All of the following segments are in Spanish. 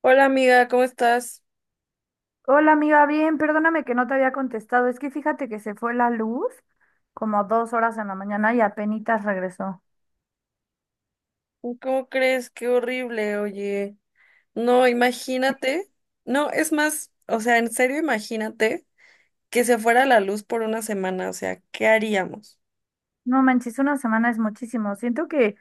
Hola amiga, ¿cómo estás? Hola amiga, bien, perdóname que no te había contestado. Es que fíjate que se fue la luz como 2 horas en la mañana y apenitas regresó. ¿Cómo crees? Qué horrible, oye. No, imagínate. No, es más, o sea, en serio, imagínate que se fuera la luz por una semana, o sea, ¿qué haríamos? No manches, una semana es muchísimo. Siento que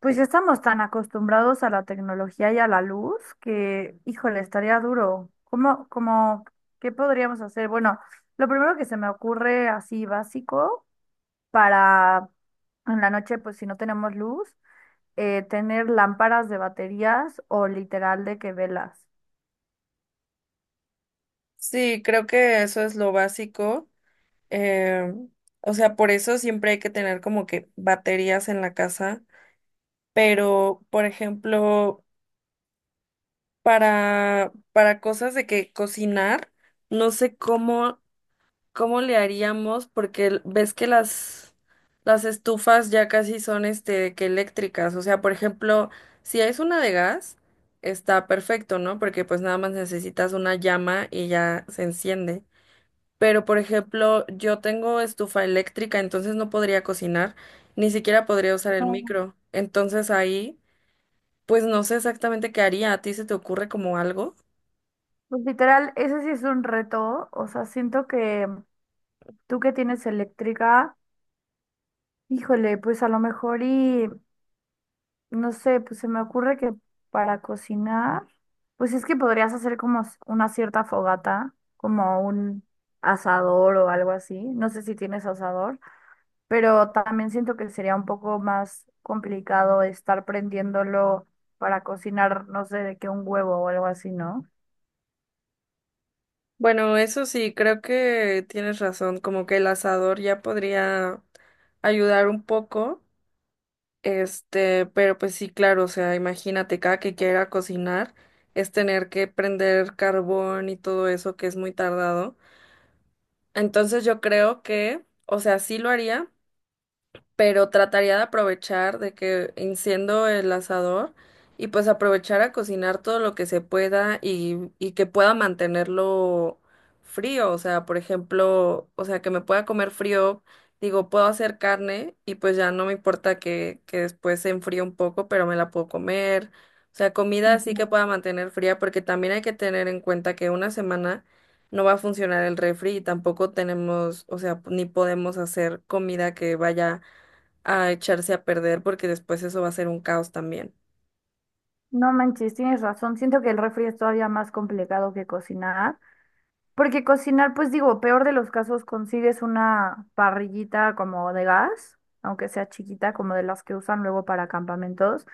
pues ya estamos tan acostumbrados a la tecnología y a la luz que, híjole, estaría duro. ¿Cómo, qué podríamos hacer? Bueno, lo primero que se me ocurre así básico para en la noche, pues si no tenemos luz, tener lámparas de baterías o literal de que velas. Sí, creo que eso es lo básico. eh, o sea, por eso siempre hay que tener como que baterías en la casa, pero, por ejemplo, para cosas de que cocinar, no sé cómo. ¿Cómo le haríamos? Porque ves que las estufas ya casi son este de que eléctricas. O sea, por ejemplo, si es una de gas, está perfecto, ¿no? Porque pues nada más necesitas una llama y ya se enciende. Pero, por ejemplo, yo tengo estufa eléctrica, entonces no podría cocinar, ni siquiera podría usar el No. micro. Entonces ahí, pues no sé exactamente qué haría. ¿A ti se te ocurre como algo? Pues literal, ese sí es un reto. O sea, siento que tú que tienes eléctrica, híjole, pues a lo mejor y no sé, pues se me ocurre que para cocinar, pues es que podrías hacer como una cierta fogata, como un asador o algo así. No sé si tienes asador, pero también siento que sería un poco más complicado estar prendiéndolo para cocinar, no sé, de que un huevo o algo así, ¿no? Bueno, eso sí, creo que tienes razón, como que el asador ya podría ayudar un poco, pero pues sí, claro, o sea, imagínate, cada que quiera cocinar es tener que prender carbón y todo eso que es muy tardado. Entonces yo creo que, o sea, sí lo haría, pero trataría de aprovechar de que enciendo el asador y pues aprovechar a cocinar todo lo que se pueda y que pueda mantenerlo frío, o sea, por ejemplo, o sea, que me pueda comer frío, digo, puedo hacer carne y pues ya no me importa que después se enfríe un poco, pero me la puedo comer, o sea, comida así que pueda mantener fría, porque también hay que tener en cuenta que una semana no va a funcionar el refri y tampoco tenemos, o sea, ni podemos hacer comida que vaya a echarse a perder porque después eso va a ser un caos también. No manches, tienes razón. Siento que el refri es todavía más complicado que cocinar. Porque cocinar, pues digo, peor de los casos, consigues una parrillita como de gas, aunque sea chiquita, como de las que usan luego para campamentos,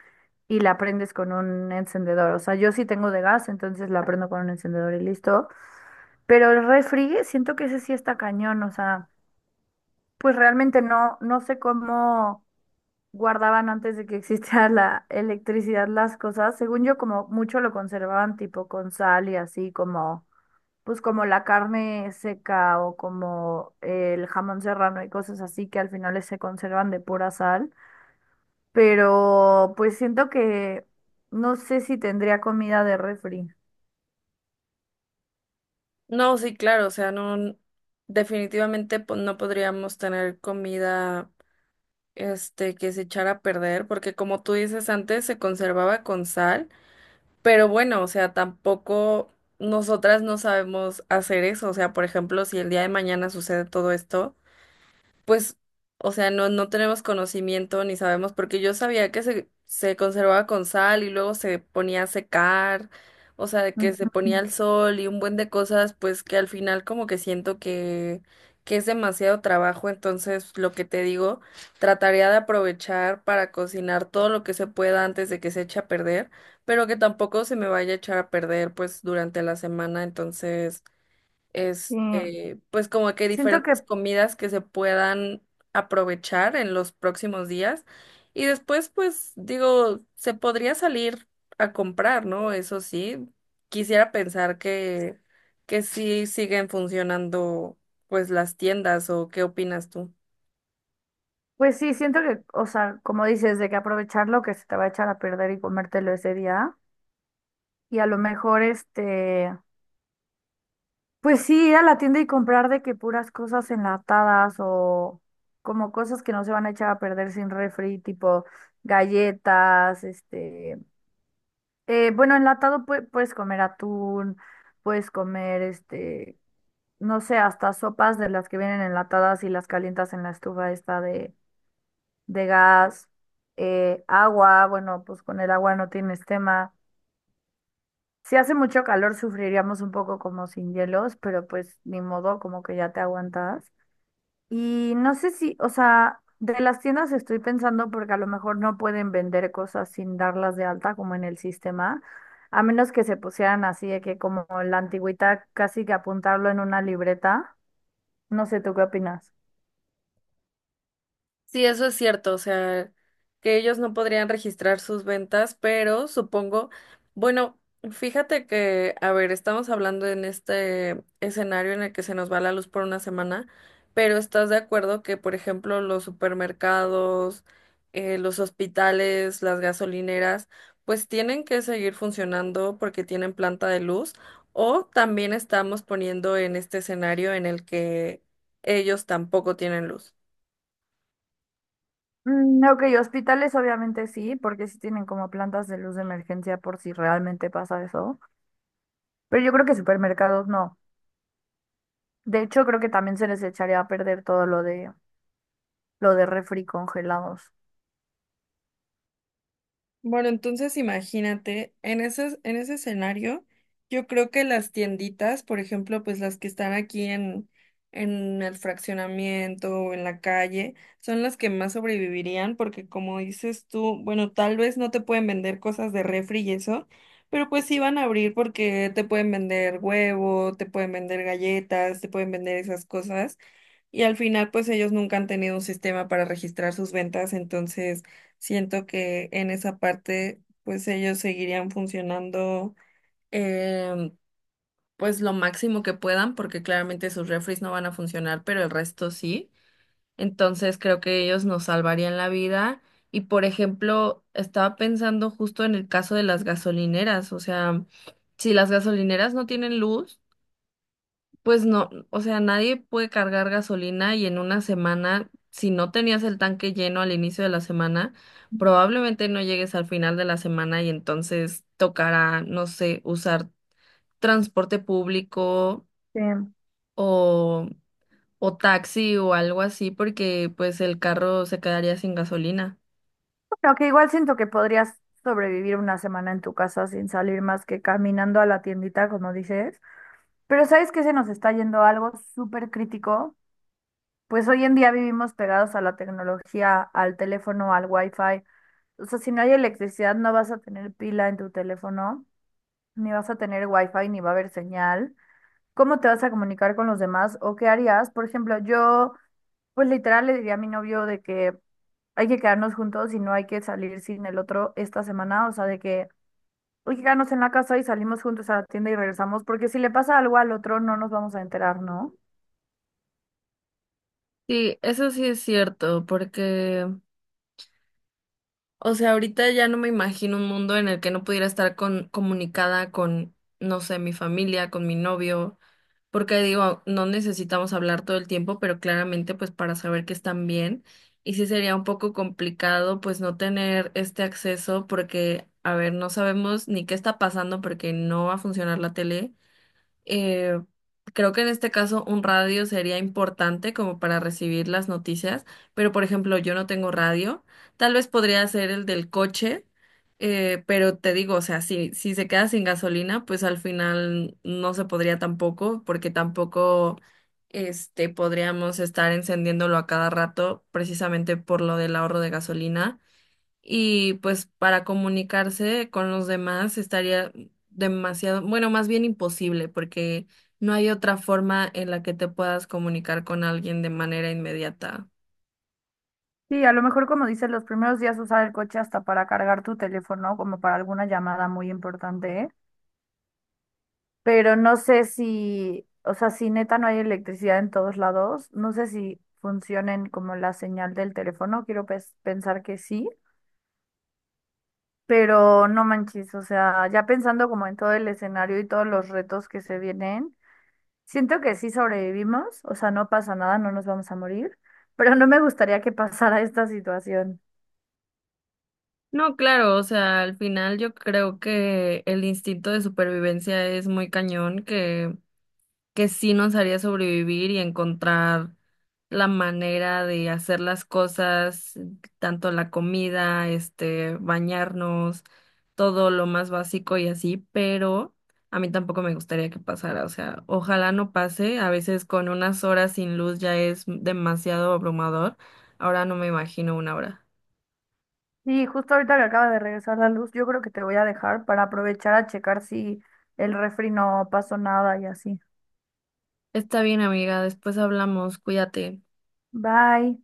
y la prendes con un encendedor. O sea, yo sí tengo de gas, entonces la prendo con un encendedor y listo. Pero el refri, siento que ese sí está cañón. O sea, pues realmente no sé cómo guardaban antes de que existiera la electricidad las cosas. Según yo, como mucho lo conservaban tipo con sal y así como, pues como la carne seca o como el jamón serrano y cosas así que al final se conservan de pura sal. Pero pues siento que no sé si tendría comida de refri. No, sí, claro, o sea, no, definitivamente no podríamos tener comida, que se echara a perder porque como tú dices antes se conservaba con sal, pero bueno, o sea, tampoco nosotras no sabemos hacer eso, o sea, por ejemplo, si el día de mañana sucede todo esto. Pues, o sea, no, no tenemos conocimiento ni sabemos, porque yo sabía que se conservaba con sal y luego se ponía a secar, o sea, que se ponía Ujú. al sol y un buen de cosas, pues que al final como que siento que es demasiado trabajo, entonces lo que te digo, trataría de aprovechar para cocinar todo lo que se pueda antes de que se eche a perder, pero que tampoco se me vaya a echar a perder pues durante la semana, entonces Sí, pues como que siento diferentes que, comidas que se puedan aprovechar en los próximos días. Y después, pues digo, se podría salir a comprar, ¿no? Eso sí, quisiera pensar que sí siguen funcionando pues las tiendas o qué opinas tú. pues sí, siento que, o sea, como dices, de que aprovechar lo que se te va a echar a perder y comértelo ese día. Y a lo mejor, este. Pues sí, ir a la tienda y comprar de que puras cosas enlatadas o como cosas que no se van a echar a perder sin refri, tipo galletas, este, bueno, enlatado puedes comer atún, puedes comer, este, no sé, hasta sopas de las que vienen enlatadas y las calientas en la estufa esta de gas, agua, bueno, pues con el agua no tienes tema. Si hace mucho calor sufriríamos un poco como sin hielos, pero pues ni modo, como que ya te aguantas. Y no sé si, o sea, de las tiendas estoy pensando porque a lo mejor no pueden vender cosas sin darlas de alta como en el sistema, a menos que se pusieran así de que como la antigüita casi que apuntarlo en una libreta. No sé, ¿tú qué opinas? Sí, eso es cierto, o sea, que ellos no podrían registrar sus ventas, pero supongo, bueno, fíjate que, a ver, estamos hablando en este escenario en el que se nos va la luz por una semana, pero ¿estás de acuerdo que, por ejemplo, los supermercados, los hospitales, las gasolineras, pues tienen que seguir funcionando porque tienen planta de luz? O también estamos poniendo en este escenario en el que ellos tampoco tienen luz. Mm, ok, hospitales obviamente sí, porque sí tienen como plantas de luz de emergencia por si realmente pasa eso. Pero yo creo que supermercados no. De hecho, creo que también se les echaría a perder todo lo de refri congelados. Bueno, entonces imagínate, en ese escenario, yo creo que las tienditas, por ejemplo, pues las que están aquí en, el fraccionamiento o en la calle, son las que más sobrevivirían porque como dices tú, bueno, tal vez no te pueden vender cosas de refri y eso, pero pues sí van a abrir porque te pueden vender huevo, te pueden vender galletas, te pueden vender esas cosas y al final pues ellos nunca han tenido un sistema para registrar sus ventas, entonces... Siento que en esa parte, pues ellos seguirían funcionando, em, pues lo máximo que puedan, porque claramente sus refries no van a funcionar, pero el resto sí. Entonces creo que ellos nos salvarían la vida. Y por ejemplo, estaba pensando justo en el caso de las gasolineras, o sea, si las gasolineras no tienen luz, pues no, o sea, nadie puede cargar gasolina y en una semana, si no tenías el tanque lleno al inicio de la semana, probablemente no llegues al final de la semana y entonces tocará, no sé, usar transporte público Sí. o, o taxi o algo así porque pues el carro se quedaría sin gasolina. Aunque igual siento que podrías sobrevivir una semana en tu casa sin salir más que caminando a la tiendita, como dices. Pero ¿sabes qué se nos está yendo algo súper crítico? Pues hoy en día vivimos pegados a la tecnología, al teléfono, al wifi. O sea, si no hay electricidad, no vas a tener pila en tu teléfono, ni vas a tener wifi, ni va a haber señal. ¿Cómo te vas a comunicar con los demás o qué harías? Por ejemplo, yo pues literal le diría a mi novio de que hay que quedarnos juntos y no hay que salir sin el otro esta semana, o sea, de que hay que quedarnos en la casa y salimos juntos a la tienda y regresamos, porque si le pasa algo al otro no nos vamos a enterar, ¿no? Sí, eso sí es cierto, porque, o sea, ahorita ya no me imagino un mundo en el que no pudiera estar comunicada con, no sé, mi familia, con mi novio. Porque digo, no necesitamos hablar todo el tiempo, pero claramente pues para saber que están bien. Y sí sería un poco complicado pues no tener este acceso porque, a ver, no sabemos ni qué está pasando porque no va a funcionar la tele. Eh, creo que en este caso un radio sería importante como para recibir las noticias, pero por ejemplo yo no tengo radio, tal vez podría ser el del coche, pero te digo, o sea, si, se queda sin gasolina, pues al final no se podría tampoco, porque tampoco podríamos estar encendiéndolo a cada rato precisamente por lo del ahorro de gasolina y pues para comunicarse con los demás estaría demasiado, bueno, más bien imposible, porque no hay otra forma en la que te puedas comunicar con alguien de manera inmediata. Sí, a lo mejor como dices, los primeros días usar el coche hasta para cargar tu teléfono, como para alguna llamada muy importante, ¿eh? Pero no sé si, o sea, si neta no hay electricidad en todos lados, no sé si funcionen como la señal del teléfono, quiero pensar que sí. Pero no manches, o sea, ya pensando como en todo el escenario y todos los retos que se vienen, siento que sí sobrevivimos, o sea, no pasa nada, no nos vamos a morir, pero no me gustaría que pasara esta situación. No, claro, o sea, al final yo creo que el instinto de supervivencia es muy cañón, que sí nos haría sobrevivir y encontrar la manera de hacer las cosas, tanto la comida, bañarnos, todo lo más básico y así, pero a mí tampoco me gustaría que pasara, o sea, ojalá no pase, a veces con unas horas sin luz ya es demasiado abrumador, ahora no me imagino una hora. Y justo ahorita que acaba de regresar la luz, yo creo que te voy a dejar para aprovechar a checar si el refri no pasó nada y así. Está bien, amiga, después hablamos, cuídate. Bye.